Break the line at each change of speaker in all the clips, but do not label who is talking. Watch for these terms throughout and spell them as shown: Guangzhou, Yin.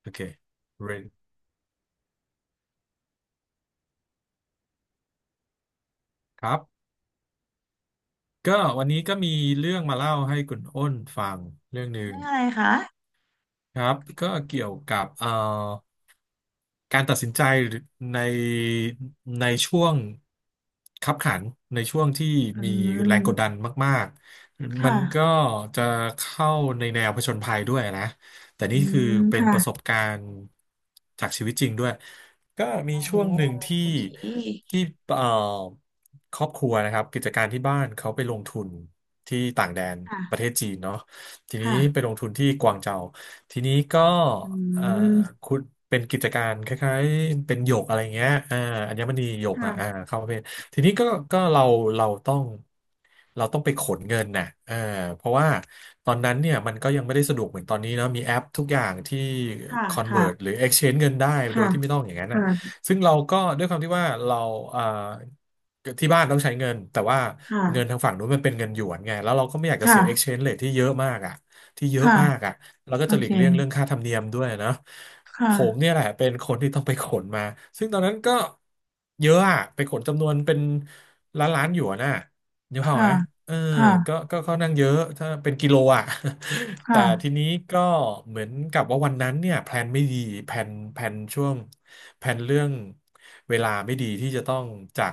โอเค ready ครับก็วันนี้ก็มีเรื่องมาเล่าให้คุณอ้นฟังเรื่องหนึ่ง
เรื่องอะไรคะ
ครับก็เกี่ยวกับการตัดสินใจในในช่วงคับขันในช่วงที่
อื
มีแรงกดดั
ม
นมากๆ มั
ค่ะ
นก็จะเข้าในแนวผจญภัยด้วยนะแต่
อื
นี่คือ
ม
เป็น
ค่ะ
ประสบการณ์จากชีวิตจริงด้วยก็มี
โอ้
ช่วงหนึ่งที่
โอเค
ที่เอ่อครอบครัวนะครับกิจการที่บ้านเขาไปลงทุนที่ต่างแดนประเท
ค่ะ
ศจีนเนาะทีนี้ไป
ค่ะ
ลงทุนที่กวางเจา ทีนี้ก็
อื
เอ่อ
ม
คุณเป็นกิจการคล้ายๆเป็นหยกอะไรเงี้ยอ่าอัญมณีหยกอ่ะอ่า
ค่ะ
เข้าประเภททีนี้ก็เราต้องเราต้องไปขนเงินน่ะเพราะว่าตอนนั้นเนี่ยมันก็ยังไม่ได้สะดวกเหมือนตอนนี้เนาะมีแอปทุกอย่างที่
ค่ะ
convert หรื
ค่ะ
อ exchange เงินได้โดยที่ไม่ต้องอย่างนั้นน่ะ
ค่ะ
ซึ่งเราก็ด้วยความที่ว่าเราเอ่อที่บ้านต้องใช้เงินแต่ว่า
ค่ะ
เงินทางฝั่งนู้นมันเป็นเงินหยวนไงแล้วเราก็ไม่อยากจะ
ค่ะ
เสีย
ค่ะ
exchange rate ที่เยอะมากอ่ะที่เยอะ
ค่ะ
มากอ่ะ แล้วก็
โอ
จะหลี
เค
กเลี่ยงเรื่องค่าธรรมเนียมด้วยนะผ
ค่ะ
มเนี่ยแหละเป็นคนที่ต้องไปขนมาซึ่งตอนนั้นก็เยอะอะไปขนจำนวนเป็นล้านล้านหยวนน่ะนึกภาพ
ค่ะ
ไหมเออก็
ค่ะ
ก็ค่อนข้างเยอะถ้าเป็นกิโลอ่ะ แต่
ค่ะ
ทีนี้ก็เหมือนกับว่าวันนั้นเนี่ยแพลนไม่ดีแพลนแพลนช่วงแพลนเรื่องเวลาไม่ดีที่จะต้องจาก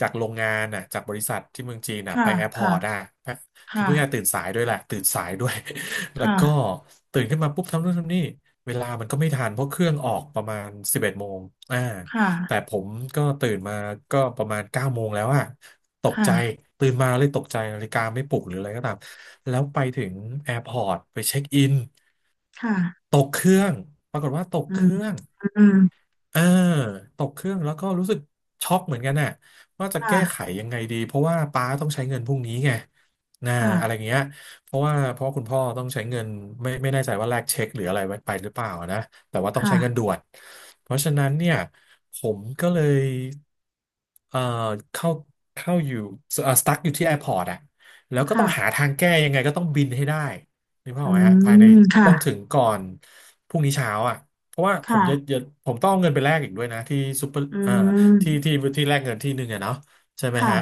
จากโรงงานน่ะจากบริษัทที่เมืองจีนน่ะ
ค่ะ
ไปแอร์พอร์ตอ่ะ
ค่ะ
คือเพื่อนตื่นสายด้วยแหละตื่นสายด้วย แล้ว
ค่ะ
ก็ตื่นขึ้นมาปุ๊บทำนู่นทำนี่เวลามันก็ไม่ทันเพราะเครื่องออกประมาณสิบเอ็ดโมงอ่า
ค่ะ
แต่ผมก็ตื่นมาก็ประมาณ9 โมงแล้วอะตกใจ
ค่ะ
ตื่นมาเลยตกใจนาฬิกาไม่ปลุกหรืออะไรก็ตามแล้วไปถึงแอร์พอร์ตไปเช็คอิน
ค่ะค่ะ
ตกเครื่องปรากฏว่าตก
อื
เค
ม
รื่อง
อืม
เออตกเครื่องแล้วก็รู้สึกช็อกเหมือนกันน่ะว่าจะแก้ไข
ค่ะ
ยังไงดีเพราะว่าป้าต้องใช้เงินพรุ่งนี้ไงนะอะไร
ค่ะ
เงี้ยเพราะว่าคุณพ่อต้องใช้เงินไม่แน่ใจว่าแลกเช็คหรืออะไรไว้ไปหรือเปล่านะแต่ว่าต้องใช้เงิน
ค่ะ
ด่วนเพราะฉะนั้นเนี่ยผมก็เลยเอ่อเข้าเข้าอยู่เอ่อสตั๊กอยู่ที่แอร์พอร์ตอะแล้วก็ต้องหา
ค่ะ
ทางแก้ยังไงก็ต้องบินให้ได้นึกภาพ
อื
ออกไหมฮะภายใน
มค่ะ
ต้องถึงก่อนพรุ่งนี้เช้าอะ เพราะว่าผมจะ
ค่ะ
จะผมต้องเอาเงินไปแลกอีกด้วยนะที่ซูเปอร์
อื
อ่า
ม
ที่แลกเงินที่หนึ่งอะเนาะใช่ไหม
ค่ะ
ฮะ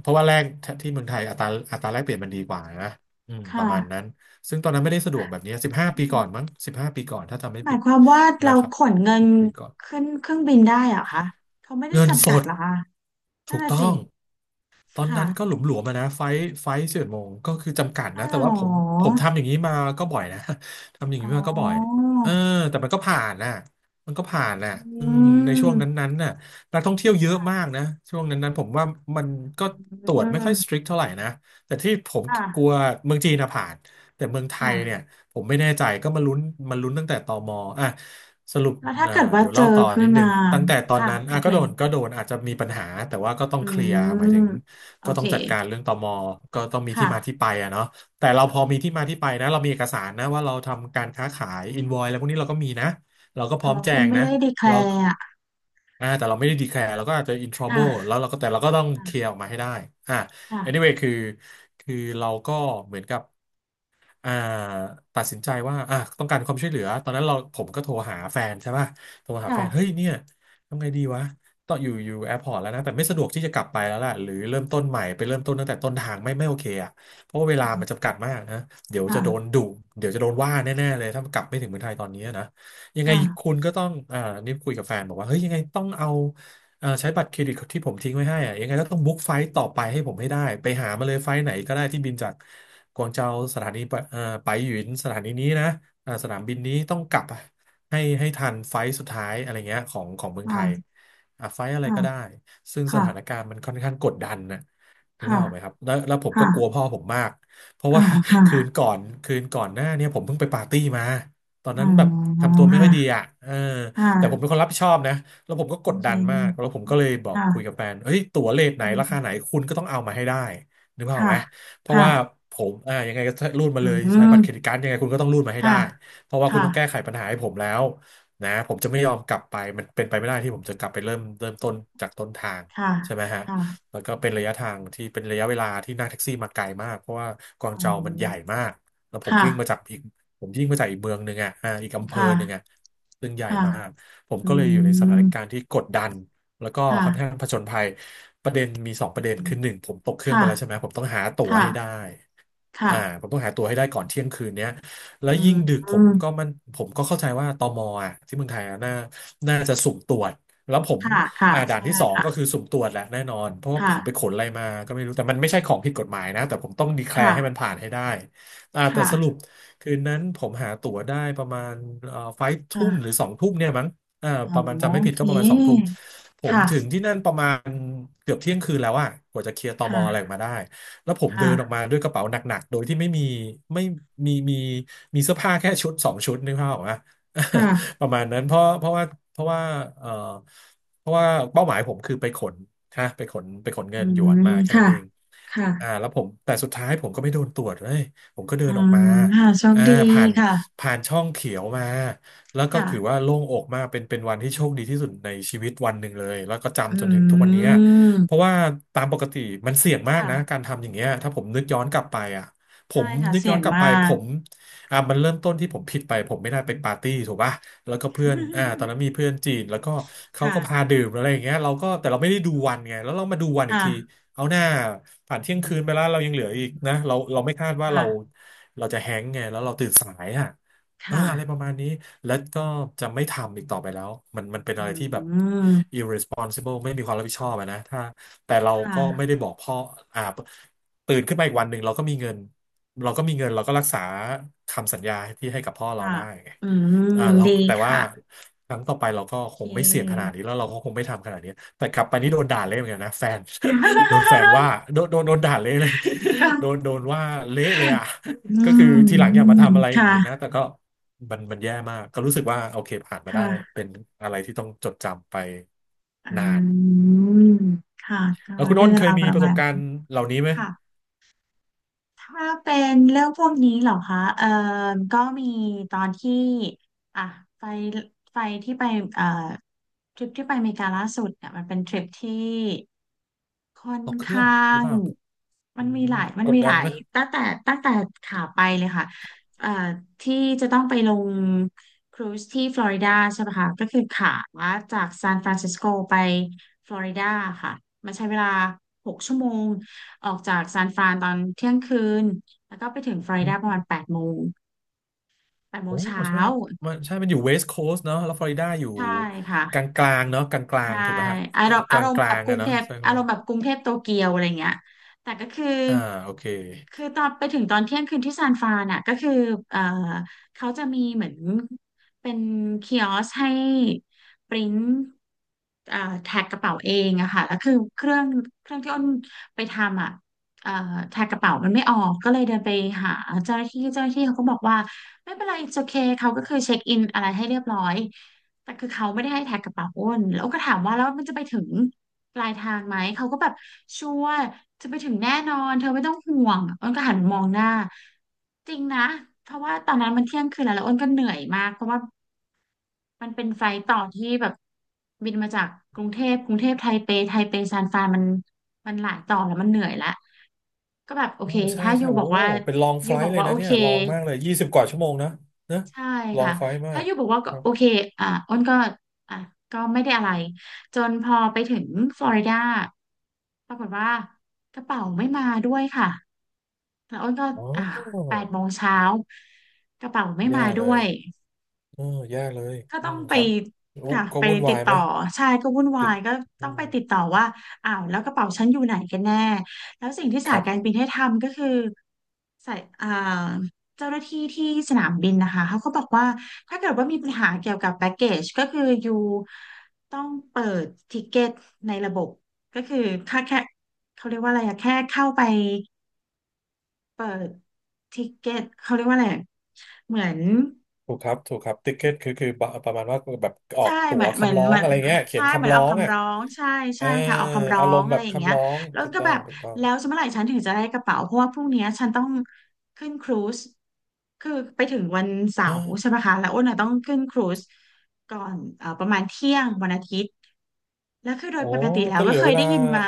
เพราะว่าแลกที่เมืองไทยอัตราแลกเปลี่ยนมันดีกว่านะป
ค่ะ
ระมาณนั้นซึ่งตอนนั้นไม่ได้สะดวกแบบนี้สิบห้าปีก่อนมั้งสิบห้าปีก่อนถ้าจำไม่
หมา
ผิ
ย
ด
ความว่า
นะ
เรา
ครับ
ขนเงิน
10 ปีก่อน
ขึ้นเครื่องบินได้เหรอคะเขาไม่ได้
เงินส
จำกัด
ด
เหรอคะนั่
ถู
น
ก
น่ะ
ต้
สิ
อง ตอน
ค่ะ
นั้นก็หลุมหลวมอะนะไฟท์ไฟสิบเอ็ดโมงก็คือจำกัด
อ๋อ
นะ
เหร
แต่ว่าผมผ
อ
มทำอย่างนี้มาก็บ่อยนะ ทำอย่าง
อ๋
นี้
อ
มาก็บ่อยเออแต่มันก็ผ่านน่ะมันก็ผ่านน่ะอื
อื
มในช่วง
ม
นั้นๆน่ะนักท่องเที่ยวเยอะมากนะช่วงนั้นๆผมว่ามันก็
อ
ตรว
ื
จไม่ค่อยส
ม
ตริกเท่าไหร่นะแต่ที่ผมกลั
ค่ะ
วเมืองจีนน่ะผ่านแต่เมืองไท
ค่ะ
ยเนี่ยผมไม่แน่ใจก็มาลุ้นมาลุ้นตั้งแต่ตมอ่ะสรุป
แล้วถ้าเกิดว่า
เดี๋ยว
เจอ
เล่าต่อ
ขึ้
นิ
น
ดนึ
มา
งตั้งแต่ตอน
ค่ะ
นั้น
โอ
อ่ะ
เค
ก็โดนอาจจะมีปัญหาแต่ว่าก็ต้อง
อื
เคลียร์หมาย
ม
ถึง
โอ
ก็ต้
เค
องจัดการเรื่องตมก็ต้องมีที่
ค่ะ
มาที่ไปอะเนาะแต่เราพอมีที่มาที่ไปนะเรามีเอกสารนะว่าเราทำการค้าขายอินวอยอะไรพวกนี้เราก็มีนะ เราก็พ
แต่
ร้อม
ว่า
แจ
คุณ
ง
ไม่
นะ
ได้ดีแคล
เรา
ร์อ่ะ
อ่าแต่เราไม่ได้ดีแคร์เราก็อาจจะ in trouble
ค่ะ
แล้วเราก็แต่เราก็ต้องเคลียร์
ค
ออกมาให้ได้อ่า
่ะ
anyway คือเราก็เหมือนกับ อ่าตัดสินใจว่าอ่ะต้องการความช่วยเหลือตอนนั้นเราผมก็โทรหาแฟนใช่ป่ะโทรหาแฟนเฮ้ย
ค่ะ
เนี่ยทำไงดีวะต้องอยู่แอร์พอร์ตแล้วนะแต่ไม่สะดวกที่จะกลับไปแล้วล่ะหรือเริ่มต้นใหม่ไปเริ่มต้นตั้งแต่ต้นทางไม่โอเคอ่ะเพราะว่าเวลามัน
ค่ะ
จำกัดมากนะเดี๋ยวจะโดน
ค่ะ
ดุเดี๋ยวจะโดนว่าแน่ๆเลยถ้ากลับไม่ถึงเมืองไทยตอนนี้นะยังไงคุ
ค่ะ
ณก็ต้องอ่านี่คุยกับแฟนบอกว่าเฮ้ยยังไงต้องเอา ใช้บัตรเครดิตที่ผมทิ้งไว้ให้อะยังไงก็ต้องบุ๊กไฟต์ต่อไปให้ผมให้ได้ไปหามาเลยไฟล์ไหนก็ได้ที่บินจากกวางเจาสถานีไปไปหยินสถานีนี้นะสนามบินนี้ต้องกลับอะให้ทันไฟล์สุดท้ายอะไรเงี้ยของเมืองไทย
ค่ะ
อ่ะไฟล์อะไร
ค่ะ
ก็ได้ซึ่งส
ค่ะ
ถานการณ์มันค่อนข้างกดดันนะถึง
ค่ะ
ภาพออกไหมครับแล้วผมก็
ค่ะ
กลัวพ่อผมมากเพราะ
อ่า
ว่า
ค่ะ
คืนก่อนหน้าเนี่ยผมเพิ่งไปปาร์ตี้มาตอน
อ๋
นั้
อ
นแบบทำตัวไม่ค่อยดี
ค่ะ
อ่ะเออ
ค่ะ
แต่ผมเป็นคนรับผิดชอบนะ แล้วผมก็
โอ
กด
เค
ดันมาก แล้วผมก็เลยบอก
ค่ะ
คุยกับแฟนเฮ้ยตั๋วเลทไหน
อื
ราคาไหน
ม
คุณก็ต้องเอามาให้ได้นึกภาพออก
ค่ะ
ไหมเพราะ
ค่ะ
ว่าผมยังไงก็รูดมา
อื
เลยใช้
ม
บัตรเครดิตการ์ดยังไงคุณก็ต้องรูดมาให้
ค่ะ
ได้ เพราะว่าคุณต้องแก้
ค่ะ
ไขปัญหาให้ผมแล้วนะผมจะไม่ยอมกลับไป มันเป็นไปไม่ได้ที่ผมจะกลับไปเริ่มต้นจากต้นทาง
ค่ะ
ใช่ไหมฮะ
ค่ะ
แล้วก็เป็นระยะทางที่เป็นระยะเวลาที่นั่งแท็กซี่มาไกลมากเพราะว่ากวาง
อ๋
โจวมันใหญ่
อ
มากแล้วผม
ค่ะ
วิ่งมาจากอีกผมวิ่งมาจากอีกเมืองหนึ่งอ่ะอีกอำเภอ
ค่ะ
หนึ่งอ่ะซึ่งใหญ่
ค่ะ
มาก ผม
อื
ก็เลยอยู่ในสถา
ม
นการณ์ที่กดดัน แล้วก็
ค่ะ
ค่อนข้างผจญภัย ประเด็นมีสองประเด็นคือหนึ่งผมตกเครื่องไป
ค่ะ
แล้วใช่ไหมผมต้องหาตั๋วให้ได้
ค่ะ
อ่า
ค่ะ
ผมต้องหาตั๋วให้ได้ก่อนเที่ยงคืนเนี้ยแล้ว
อื
ยิ่ง
ม
ดึกผมก็เข้าใจว่าตมอ่ะที่เมืองไทยอ่ะน่าจะสุ่มตรวจแล้วผม
ค่ะค่ะ
อ่าด่าน
ใช่
ที่สองก็
ค่ะ
คือสุ่มตรวจแหละแน่นอนเพราะว่าผมไปข
ค่ะ
นอะไรมาก็ไม่รู้แต่มันไม่ใช่ของผิดกฎหมายนะแต่ผมต้องดีแคลร์ให้มัน
ค่ะ
ผ่านให้ได้อ่าแต่สรุ
ค่ะ
ปคืนนั้นผมหาตั๋วได้ประมาณเอ่อไฟทุ่มหรือ
ค่ะ
สองทุ่มเนี่ยมั้ง เออ
อ๋อ
ประมาณจำไม่
โอ
ผิด
เค
ก็ประมาณสองทุ่มผม
ค่ะ
ถึงที่นั่นประมาณเกือบเที่ยงคืนแล้วอะกว่าจะเคลียร์ตมอะไรออ
ค่ะ
กมาได้แล้วผมเดินออก
ค่ะ
มาด้วยกระเป๋าหนักๆโดยที่ไม่มีไม่มีมีเสื้อผ้าแค่ชุดสองชุดนึกภาพออกไหม
ค่ะ
ประมาณนั้นเพราะว่าเพราะว่าเออเพราะว่าเป้าหมายผมคือไปขนฮะไปขนเงิ
อื
นหยวน
ม
มาแค่นั้
ค่ะ
นเอง
ค่ะ
อ่าแล้วผมแต่สุดท้ายผมก็ไม่โดนตรวจเลยผมก็เดิ
อื
นออกมา
มค่ะโชค
อ่า
ดี
ผ่าน
ค่ะ
ผ่านช่องเขียวมา แล้วก็
ค่ะ
คือว่าโล่งอกมากเป็นวันที่โชคดีที่สุดในชีวิตวันหนึ่งเลยแล้วก็
อื
จำจนถึงทุกวันนี้เพ
ม
ราะว่าตามปกติมันเสี่ยงมากนะกา
ค่ะ
รทำอย่างเงี้ยถ้าผมนึกย้อนกลับไปอ่ะผ
ใช่
ม
ค่ะ
นึก
เสี่
ย้อ
ย
น
ง
กลับ
มา
ไปผ
ก
มอ่ะมันเริ่มต้นที่ผมผิดไปผมไม่ได้ไปปาร์ตี้ถูกป่ะแล้วก็เพื่อนตอนนั้ นมีเพื่อนจีนแล้วก็เขา
ค่ะ
ก็พาดื่มอะไรอย่างเงี้ยเราไม่ได้ดูวันไงแล้วเรามาดูวันอีก
ค่ะ
ทีเอาหน้าผ่านเที่
อื
ยงคืนไปแล้ว
ม
เรายังเหลืออีก
อื
นะ
ม
เราไม่คาดว่า
ค่ะ
เราจะแฮงก์ไงแล้วเราตื่นสายอ่ะ เออ
ค่ะ
อะไรประมาณนี้แล้วก็จะไม่ทำอีกต่อไปแล้วมันเป็น
อื
อะไรที่แบบ
ม
irresponsible ไม่มีความรับผิดชอบอะนะถ้าแต่เรา
ค
ก็ไม่
่ะ
ได้บอกพ่ออ่าตื่นขึ้นมาอีกวันหนึ่งเราก็มีเงินเราก็รักษาคำสัญญาที่ให้กับพ่อเรา
ค่ะ
ได้ไง
อืม
อ่าเรา
ดี
แต่ว่า
ค่ะ
ครั้งต่อไปเราก็
โอ
ค
เ
งไม่เสี่ยงขนาด
ค
นี้แล้วเราก็คงไม่ทำขนาดนี้แต่กลับไปนี่โดนด่าเละเหมือนกันนะแฟน โดนแฟนว่า โดนด่าเละเลย
ก็
โดนโดนว่าเละเลยอ่ะ
อื
ก็คือ
ม
ทีหลัง
อื
อย่า
ม
มาทำอะไรอย่า
ค่ะ
งนี้นะแต่ก็มันแย่มากก็รู้สึกว่าโอเคผ่านมาได้
ค่ะ
เป็นอะไรที่ต้องจดจำไป
อ
นาน
ืมค่ะก็
แล้วคุณ
เรื่
อ้น
อง
เค
รา
ย
ว
มี
ประ
ประส
มา
บ
ณ
การณ์เหล่านี้ไหม
ค่ะ ถ้าเป็นเรื่องพวกนี้เหรอคะก็มีตอนที่อ่ะไปไปที่เอ่อทริปที่ไปอเมริกาล่าสุดเนี่ยมันเป็นทริปที่ค่อน
ตกเครื่อ
ข้า
งหรือ
ง
เปล่า
มั
อื
นมีห
ม
ลายมัน
กด
มีห
ดัน
ลา
ไหม
ยตั้งแต่ตั้งแต่ขาไปเลยค่ะเอ่อที่จะต้องไปลงครูซที่ฟลอริดาใช่ไหมคะ ก็คือขาจากซานฟรานซิสโกไปฟลอริดาค่ะ มันใช้เวลา6 ชั่วโมง ออกจากซานฟรานตอนเที่ยงคืนแล้วก็ไปถึงฟลอริ
อื
ดาประ
ม
มาณแปดโมงแปดโม
โอ้
งเช้า
ใช่ไหมครับมันอยู่เวสต์โคส t เนาะแล้วฟลอริดาอยู่
ใช่ค่ะ
กลางเนาะกลางกลา
ใช่
งถูกไหมฮะ
อารมณ์
ก
อา
ลา
ร
ง
ม
ก
ณ์แบ
ลา
บ
ง
กรุ
อะ
งเท
เนาะ
พ
ใช่ครับ
อาร
ว่า
มณ์แบบกรุงเทพโตเกียวอะไรเงี้ยแต่ก็คือ
อ่าโอเค
ตอนไปถึงตอนเที่ยงคืนที่ซานฟรานอ่ะก็คือเอ่อเขาจะมีเหมือนเป็นคิออสให้ปริ้นเอ่อแท็กกระเป๋าเองอะค่ะแล้วคือเครื่องที่อ้นไปทำอ่ะเอ่อแท็กกระเป๋ามันไม่ออกก็เลยเดินไปหาเจ้าหน้าที่เจ้าหน้าที่เขาก็บอกว่าไม่เป็นไร it's okay เขาก็คือเช็คอินอะไรให้เรียบร้อย แต่คือเขาไม่ได้ให้แท็กกระเป๋าอ้นแล้วก็ถามว่าแล้วมันจะไปถึงปลายทางไหมเขาก็แบบชัวร์จะไปถึงแน่นอนเธอไม่ต้องห่วงอ้นก็หันมองหน้าจริงนะเพราะว่าตอนนั้นมันเที่ยงคืนแล้วแล้วอ้นก็เหนื่อยมากเพราะว่ามันเป็นไฟล์ต่อที่แบบบินมาจากกรุงเทพกรุงเทพไทเปไทเปซานฟรานมันหลายต่อแล้วมันเหนื่อยละก็แบบโอ
อ๋อ
เค
ใช่
ถ้า
ใช่
ยูบ
โอ้
อกว่า
เป็นลองไฟ
ยู
ล
บอ
ท์
ก
เลย
ว่าโอ
นะเนี่
เค
ยลองมากเลย20 กว่าชั่วโมงนะนะ
ใช่
ลอง
ค่ะ
ไฟลท์มา
ถ้า
ก
อยู่บอกว่าก็โอเคอ่าอ้นก็อ่ะก็ไม่ได้อะไร จนพอไปถึงฟลอริดาปรากฏว่ากระเป๋าไม่มาด้วยค่ะ แล้วอ้นก็
อ๋
อ่า
อ
แปดโมงเช้า กระเป๋าไม่
แย่
มา
เล
ด้ว
ย
ย
เออแย่เลย
ก็
อื
ต้อง
ม
ไป
ครับอุ
ค่ะ
ก็
ไป
วุ่น
ติ
วา
ด
ยไห
ต่
ม
อใช่ก็วุ่นวา
ติด
ยก็
อื
ต้องไป
ม
ติดต่อว่าอ้าวแล้วกระเป๋าฉันอยู่ไหนกันแน่แล้วสิ่งที่
ค
สา
รั
ย
บ
การบินให้ทำก็คือสายอ่าเจ้าหน้าที่ที่สนามบินนะคะเขาก็บอกว่าถ้าเกิดว่ามีปัญหาเกี่ยวกับแพ็กเกจก็คืออยู่ต้องเปิดทิเก็ตในระบบก็คือแค่เขาเรียกว่าอะไรอะแค่เข้าไปเปิดทิเก็ตเขาเรียกว่าอะไรอะเหมือน
ถูกครับถูกครับติ๊กเก็ตคือบบประมาณว่าแบบออ
ใช่
กตั๋
เหมื
ว
อนเหมือน
คำร้อ
เห
ง
มือน
อะไรเงี้ยเขี
ใช่
ยน
เหมือ
คำ
น
ร้อ
เอา
งอ่ะ
คำร้องใช่
เอ
ใช่
อ
ค่ะเอาคำร้อ
อารม
ง
ณ์
อะ
แบ
ไร
บ
อย่างเงี้
คำ
ย
ร้อง
แล้ว
ถูก
ก็
ต้อ
แบ
ง
บ
ถูกต้อง
แล้วจะเมื่อไหร่ฉันถึงจะได้กระเป๋าเพราะว่าพรุ่งเนี้ยฉันต้องขึ้นครูซคือไปถึงวันเสา
เอ
ร์ใช่
อ
ไหมคะแล้วอ้นน่ะต้องขึ้นครูซก่อนประมาณเที่ยงวันอาทิตย์แล้วคือโด
โอ้
ยปกติแล้ว
ก็เห
ก็
ลือ
เค
เว
ย
ลา
ได้ยินมา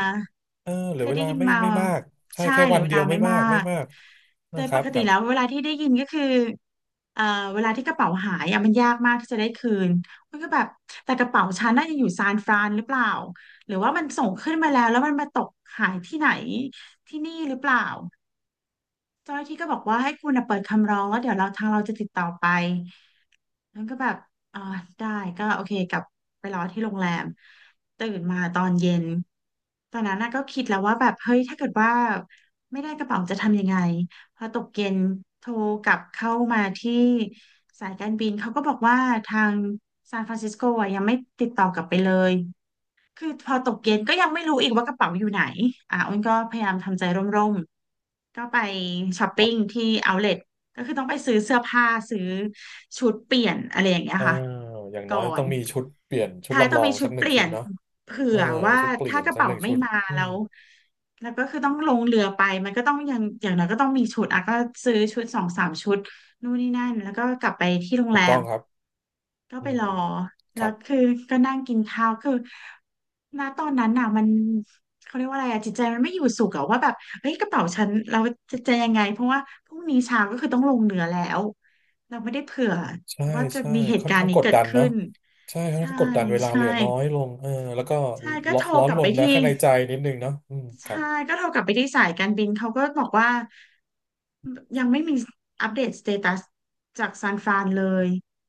เออเห
เค
ลือ
ย
เว
ได้
ลา
ยิน
ไม่
มา
ไม่มากใช่
ใช่
แค่
เหลื
วั
อ
น
เว
เดีย
ลา
ว
ไม่
ไม่มา
มา
กไม่
ก
มาก
โด
นะ
ย
ค
ป
รับ
ก
ค
ติ
รับ
แล้วเวลาที่ได้ยินก็คือเอ่อเวลาที่กระเป๋าหายอะมันยากมากที่จะได้คืนมันก็แบบแต่กระเป๋าฉันน่าจะอยู่ซานฟรานหรือเปล่าหรือว่ามันส่งขึ้นมาแล้วแล้วมันมาตกหายที่ไหนที่นี่หรือเปล่าเจ้าหน้าที่ก็บอกว่าให้คุณน่ะเปิดคำร้องแล้วเดี๋ยวเราทางเราจะติดต่อไป แล้วก็แบบอ่าได้ก็โอเคกลับไปรอที่โรงแรมตื่นมาตอนเย็น ตอนนั้นน่ะก็คิดแล้วว่าแบบ เฮ้ย ถ้าเกิดว่าไม่ได้กระเป๋าจะทำยังไง พอตกเย็นโทรกลับเข้ามาที่สายการบิน เขาก็บอกว่าทางซานฟรานซิสโกอ่ะยังไม่ติดต่อกลับไปเลย คือพอตกเย็นก็ยังไม่รู้อีกว่ากระเป๋าอยู่ไหนอ้นก็พยายามทำใจร่มๆก็ไปช้อป
ครั
ปิ้ง
บ
ที่เอาท์เลก็คือต้องไปซื้อเสื้อผ้าซื้อชุดเปลี่ยนอะไรอย่างเงี้ย
เออ
ค่ะ
อย่างน้
ก่
อ
อ
ยต้อ
น
งมีชุดเปลี่ยนชุด
ท้ายต้
ลำ
อ
ล
ง
อ
มี
ง
ชุ
สั
ด
กห
เป
นึ่ง
ลี่
ชุ
ย
ด
น
เนาะ
เผื่
เออ
อว่า
ชุดเปลี่
ถ้า
ยน
กระ
สัก
เป๋า
หนึ่ง
ไม่
ชุด
มา
อื
แล้
ม
วแล้วก็คือต้องลงเรือไปมันก็ต้องยังอย่างน้อยก็ต้องมีชุดก็ซื้อชุด2-3 ชุดนู่นนี่นั่นแล้วก็กลับไปที่โรง
ถู
แร
กต้อ
ม
งครับ
ก็
อื
ไป
ม
รอ
ครั
แล้ว
บ
คือก็นั่งกินข้าวคือณตอนนั้นน่ะมันเขาเรียกว่าอะไรจิตใจมันไม่อยู่สุขว่าแบบเฮ้ยกระเป๋าฉันเราจะยังไงเพราะว่าพรุ่งนี้เช้าก็คือต้องลงเหนือแล้วเราไม่ได้เผื่อ
ใช่
ว่าจะ
ใช่
มีเหตุ
ค่อน
การณ์
ข้าง
นี้
กด
เกิด
ดัน
ขึ้
เนาะ
น
ใช่ ค่อน
ใช่
ข้างกดดันเวลาเห
ใช่
ลือน้อยลงเออแล้วก็
ใช่ก็
ร้อ
โท
น
ร
ร้อ
ก
น
ลับ
ร
ไป
นนะ
ที่
ข้างในใจนิดนึงเนาะอืมครั
ใช่
บ
ก็โทรกลับไปที่สายการบินเขาก็บอกว่ายังไม่มีอัปเดตสเตตัสจากซานฟรานเลย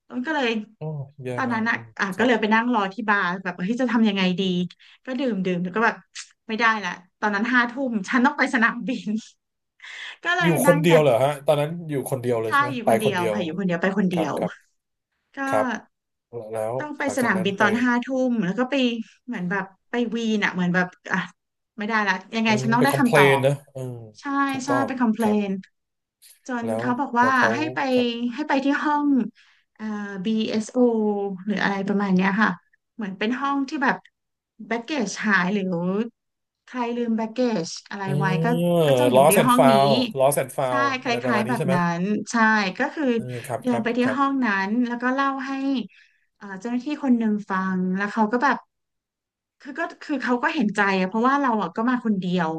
ต้นก็เลย
โอ้แย่
ตอน
มา
นั้น
ก
อ่ะ
อืม
อ่ะ
ค
ก็
รับ
เลยไปนั่งรอที่บาร์แบบเฮ้ยจะทำยังไงดีก็ดื่มดื่มแล้วก็แบบ ไม่ได้ละตอนนั้นห้าทุ่มฉันต้องไปสนามบิน ก็เล
อ
ย
ยู่ค
นั่
น
ง
เดีย
แท็
ว
ก
เหรอ
่
ฮะ ตอนนั้นอยู่คนเดียวเลย
ใช่
ใช่ไหม
อยู่
ไป
คนเดี
คน
ยว
เดียว
ค่ะอยู่คนเดียวไปคน
ค
เดี
รั
ย
บ
ว
ครับค
ก็
รับแล้ว
ต้องไป
หลัง
ส
จาก
นาม
นั้น
บิน
ไป
ตอนห้าทุ่มแล้วก็ไปเหมือนแบบไปวีนเหมือนแบบอ่ะไม่ได้ละยังไง
เออ
ฉันต้อง
ไป
ได้
คอมเพ
คำ
ล
ตอ
น
บ
นะเออ
ใช่
ถูก
ใช่
ต้อง
ไปคอมเพ
ค
ล
รั
น
บ
จน
แล้ว
เขาบอกว่า
แล้วเขา
ให้ไป
ครับ
ให้ไปที่ห้องเอ่อ BSO หรืออะไรประมาณเนี้ยค่ะเหมือนเป็นห้องที่แบบแบ็กเกจหายหรือใครลืมแบ็กเกจอะไร
เอ
ไว้
อ
ก็จะอยู่ที่
lost
ห้
and
องนี้
found lost and
ใช่
found
ค
อะไรประ
ล้า
มา
ย
ณ
ๆแบ
นี้
บ
ใช่ไหม
นั้นใช่ก็คือ
เออครับ
เดิ
ค
น
รับ
ไป
ค
ที่
รับ
ห้องนั้นแล้วก็เล่าให้ เจ้าหน้าที่คนหนึ่งฟังแล้วเขาก็แบบก็คือเขาก็เห็นใจเพราะว่าเราก็มาคนเดียว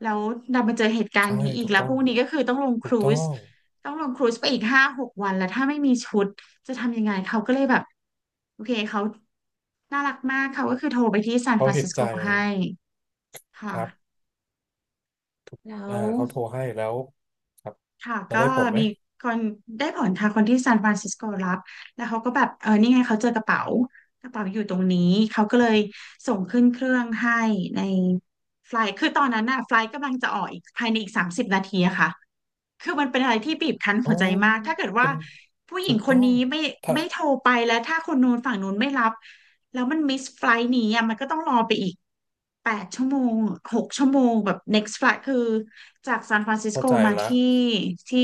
แล้วเรามาเจอเหตุการ
ใช่
ณ์นี้อีก
ถูก
แล้ว
ต้อ
พ
ง
รุ่งนี้ก็คือต้องลงค
ถูก
รู
ต้อ
ซ
ง
ต้องลงครูซไปอีก5-6 วันแล้วถ้าไม่มีชุดจะทำยังไงเขาก็เลยแบบโอเคเขาน่ารักมากเขาก็คือโทรไปที่ซานฟ
เขา
ราน
เห็
ซิ
น
สโก
ใจ
ให้ค
ครั
่ะ
บ
แล้ว
เขาโทรให้แล้วครับ
ค่ะ
แล้ว
ก็
ได้ผลไหม
มีคนได้ผลทางคนที่ซานฟรานซิสโกรับแล้วเขาก็แบบเออนี่ไงเขาเจอกระเป๋ากระเป๋าอยู่ตรงนี้เขาก็เลยส่งขึ้นเครื่องให้ในไฟล์คือตอนนั้นน่ะไฟล์กำลังจะออกอีกภายในอีก30 นาทีค่ะคือมันเป็นอะไรที่บีบคั้น
อ๋อ
หัวใจมากถ้าเกิด
เป็
ว่า
น
ผู้หญิ
ถู
ง
ก
ค
ต้
น
อง
นี้
ถ้า
ไม่โทรไปแล้วถ้าคนนู้นฝั่งนู้นไม่รับแล้วมันมิสไฟล์นี้มันก็ต้องรอไปอีก 8 ชั่วโมง6 ชั่วโมงแบบ next flight คือจากซานฟรานซิส
เข้า
โก
ใจ
มา
ละ
ที่ที่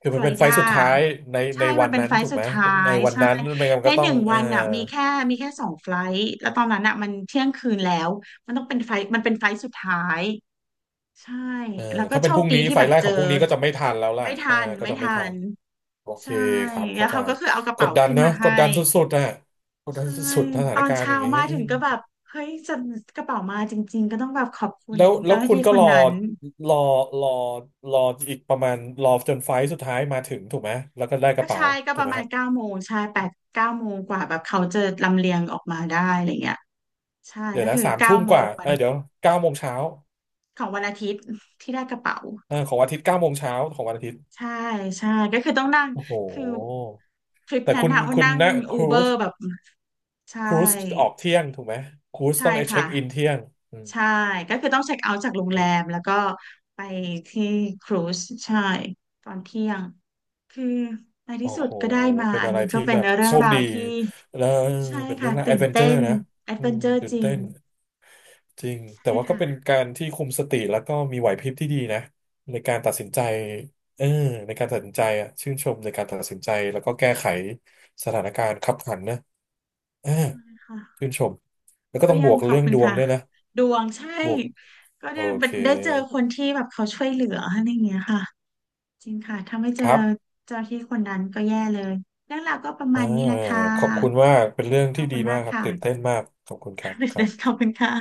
คือ
ฟ
มั
ล
น
อ
เป็
ริ
นไฟ
ดา
ล์สุดท้ายใน
ใช่
ใน
มั
วั
น
น
เป็น
นั้น
ไฟล
ถู
ท์
ก
สุ
ไห
ด
ม
ท้า
ใน
ย
วัน
ใช่
นั้นไม่งั้นมั
ใน
นก็
ห
ต้อง
นึ่งวันมีแค่2 ไฟลท์แล้วตอนนั้นมันเที่ยงคืนแล้วมันต้องเป็นไฟลท์มันเป็นไฟลท์สุดท้ายใช่
เอ่อ
แล้วก็
ถ้า
โช
เป็นพ
ค
รุ่ง
ดี
นี้
ที่
ไฟ
แบ
ล์
บ
แรก
เจ
ข
อ
องพรุ่งนี้ก็จะไม่ทันแล้วล่ะ
ไม่ทั
อ่า
น
ก็
ไม่
จะไม่
ทั
ทัน
น
โอเค
ใช่
ครับ
แล้
เข้า
ว
ใจ
เขาก็คือเอากระ
ก
เป๋า
ดดัน
ขึ้น
นะ
มา
ก
ให้
ดดันสุดๆอ่ะกดดัน
ใช่
สุดๆสถา
ต
น
อน
การณ์อ
เช้า
ย่างเงี้ย
มาถึงก็แบบเฮ้ยจะกระเป๋ามาจริงๆก็ต้องแบบขอบคุณ
แล้วแล้
เจ้า
ว
หน้า
คุณ
ที่
ก็
คน
รอ
นั้น
รอรอรออีกประมาณรอจนไฟล์สุดท้ายมาถึงถูกไหมแล้วก็ได้ก
ก็
ระเป๋า
ใช่ก็
ถู
ป
ก
ระ
ไหม
มา
ค
ณ
รับ
เก้าโมงใช่8-9 โมงกว่าแบบเขาจะลำเลียงออกมาได้อะไรเงี้ยใช่
เดี๋ย
ก็
วนะ
คือ
สาม
เก้า
ทุ่ม
โม
ก
ง
ว่า
วั
เอ้
น
ยเดี๋ยวเก้าโมงเช้า
ของวันอาทิตย์ที่ได้กระเป๋า
เออของวันอาทิตย์เก้าโมงเช้าของวันอาทิตย์
ใช่ใช่ก็คือต้องนั่ง
โอ้โห
คือทริป
แต่
นั้
คุ
น
ณ
ว่า
คุณ
นั่ง
นะค
อู
รู
เบอ
ซ
ร์แบบใช่
ครูซออกเที่ยงถูกไหมครูซ
ใช่
ต้องเช็
ค่ะ
คอินเที่ยงอืม
ใช่ก็คือต้องเช็คเอาท์จากโรงแรมแล้วก็ไปที่ครูซใช่ตอนเที่ยงคือใน
โอ้
ที่สุด
โห
ก็ได้มา
เป็น
อัน
อะไร
นี้ก็
ที่
เป็
แบ
น
บ
เรื่อ
โช
ง
ค
ราว
ดี
ที่
แล้ว
ใช่
เป็นเรื่
ค่ะ
องราวแอ
ตื่
ด
น
เวนเจ
เต้
อร์
น
นะ
แอด
อื
เวน
ม
เจอร์
ตื่
จ
น
ริ
เต้
ง
น จริง
ใช่
แต่ว่าก็
ค่ะ
เป็นการที่คุมสติแล้วก็มีไหวพริบที่ดีนะในการตัดสินใจเออในการตัดสินใจอ่ะชื่นชมในการตัดสินใจแล้วก็แก้ไขสถานการณ์คับขันนะเออ
ใช่ค่ะ
ชื่นชมแล้วก็
ก็
ต้อง
ยั
บ
ง
วก
ขอบ
เรื่อง
คุณ
ดวง
ค่ะ
ด้วยนะ
ดวงใช่
บวก
ก็
โอ
ได้
เค
ได้เจอคนที่แบบเขาช่วยเหลืออะไรอย่างเงี้ยค่ะจริงค่ะถ้าไม่เจ
ค
อ
รับ
เจ้าหน้าที่คนนั้นก็แย่เลยเรื่องราวก็ประ
อ่า
มาณนี้แหละค่ะ
ขอบคุณมากเป็นเรื่อง
ขอ
ที่
บคุ
ดี
ณ
มา
มา
ก
ก
ครับ
ค่ะ
ตื่นเต้นมากขอบคุณครับครั
ข
บ
อบคุณค่ะ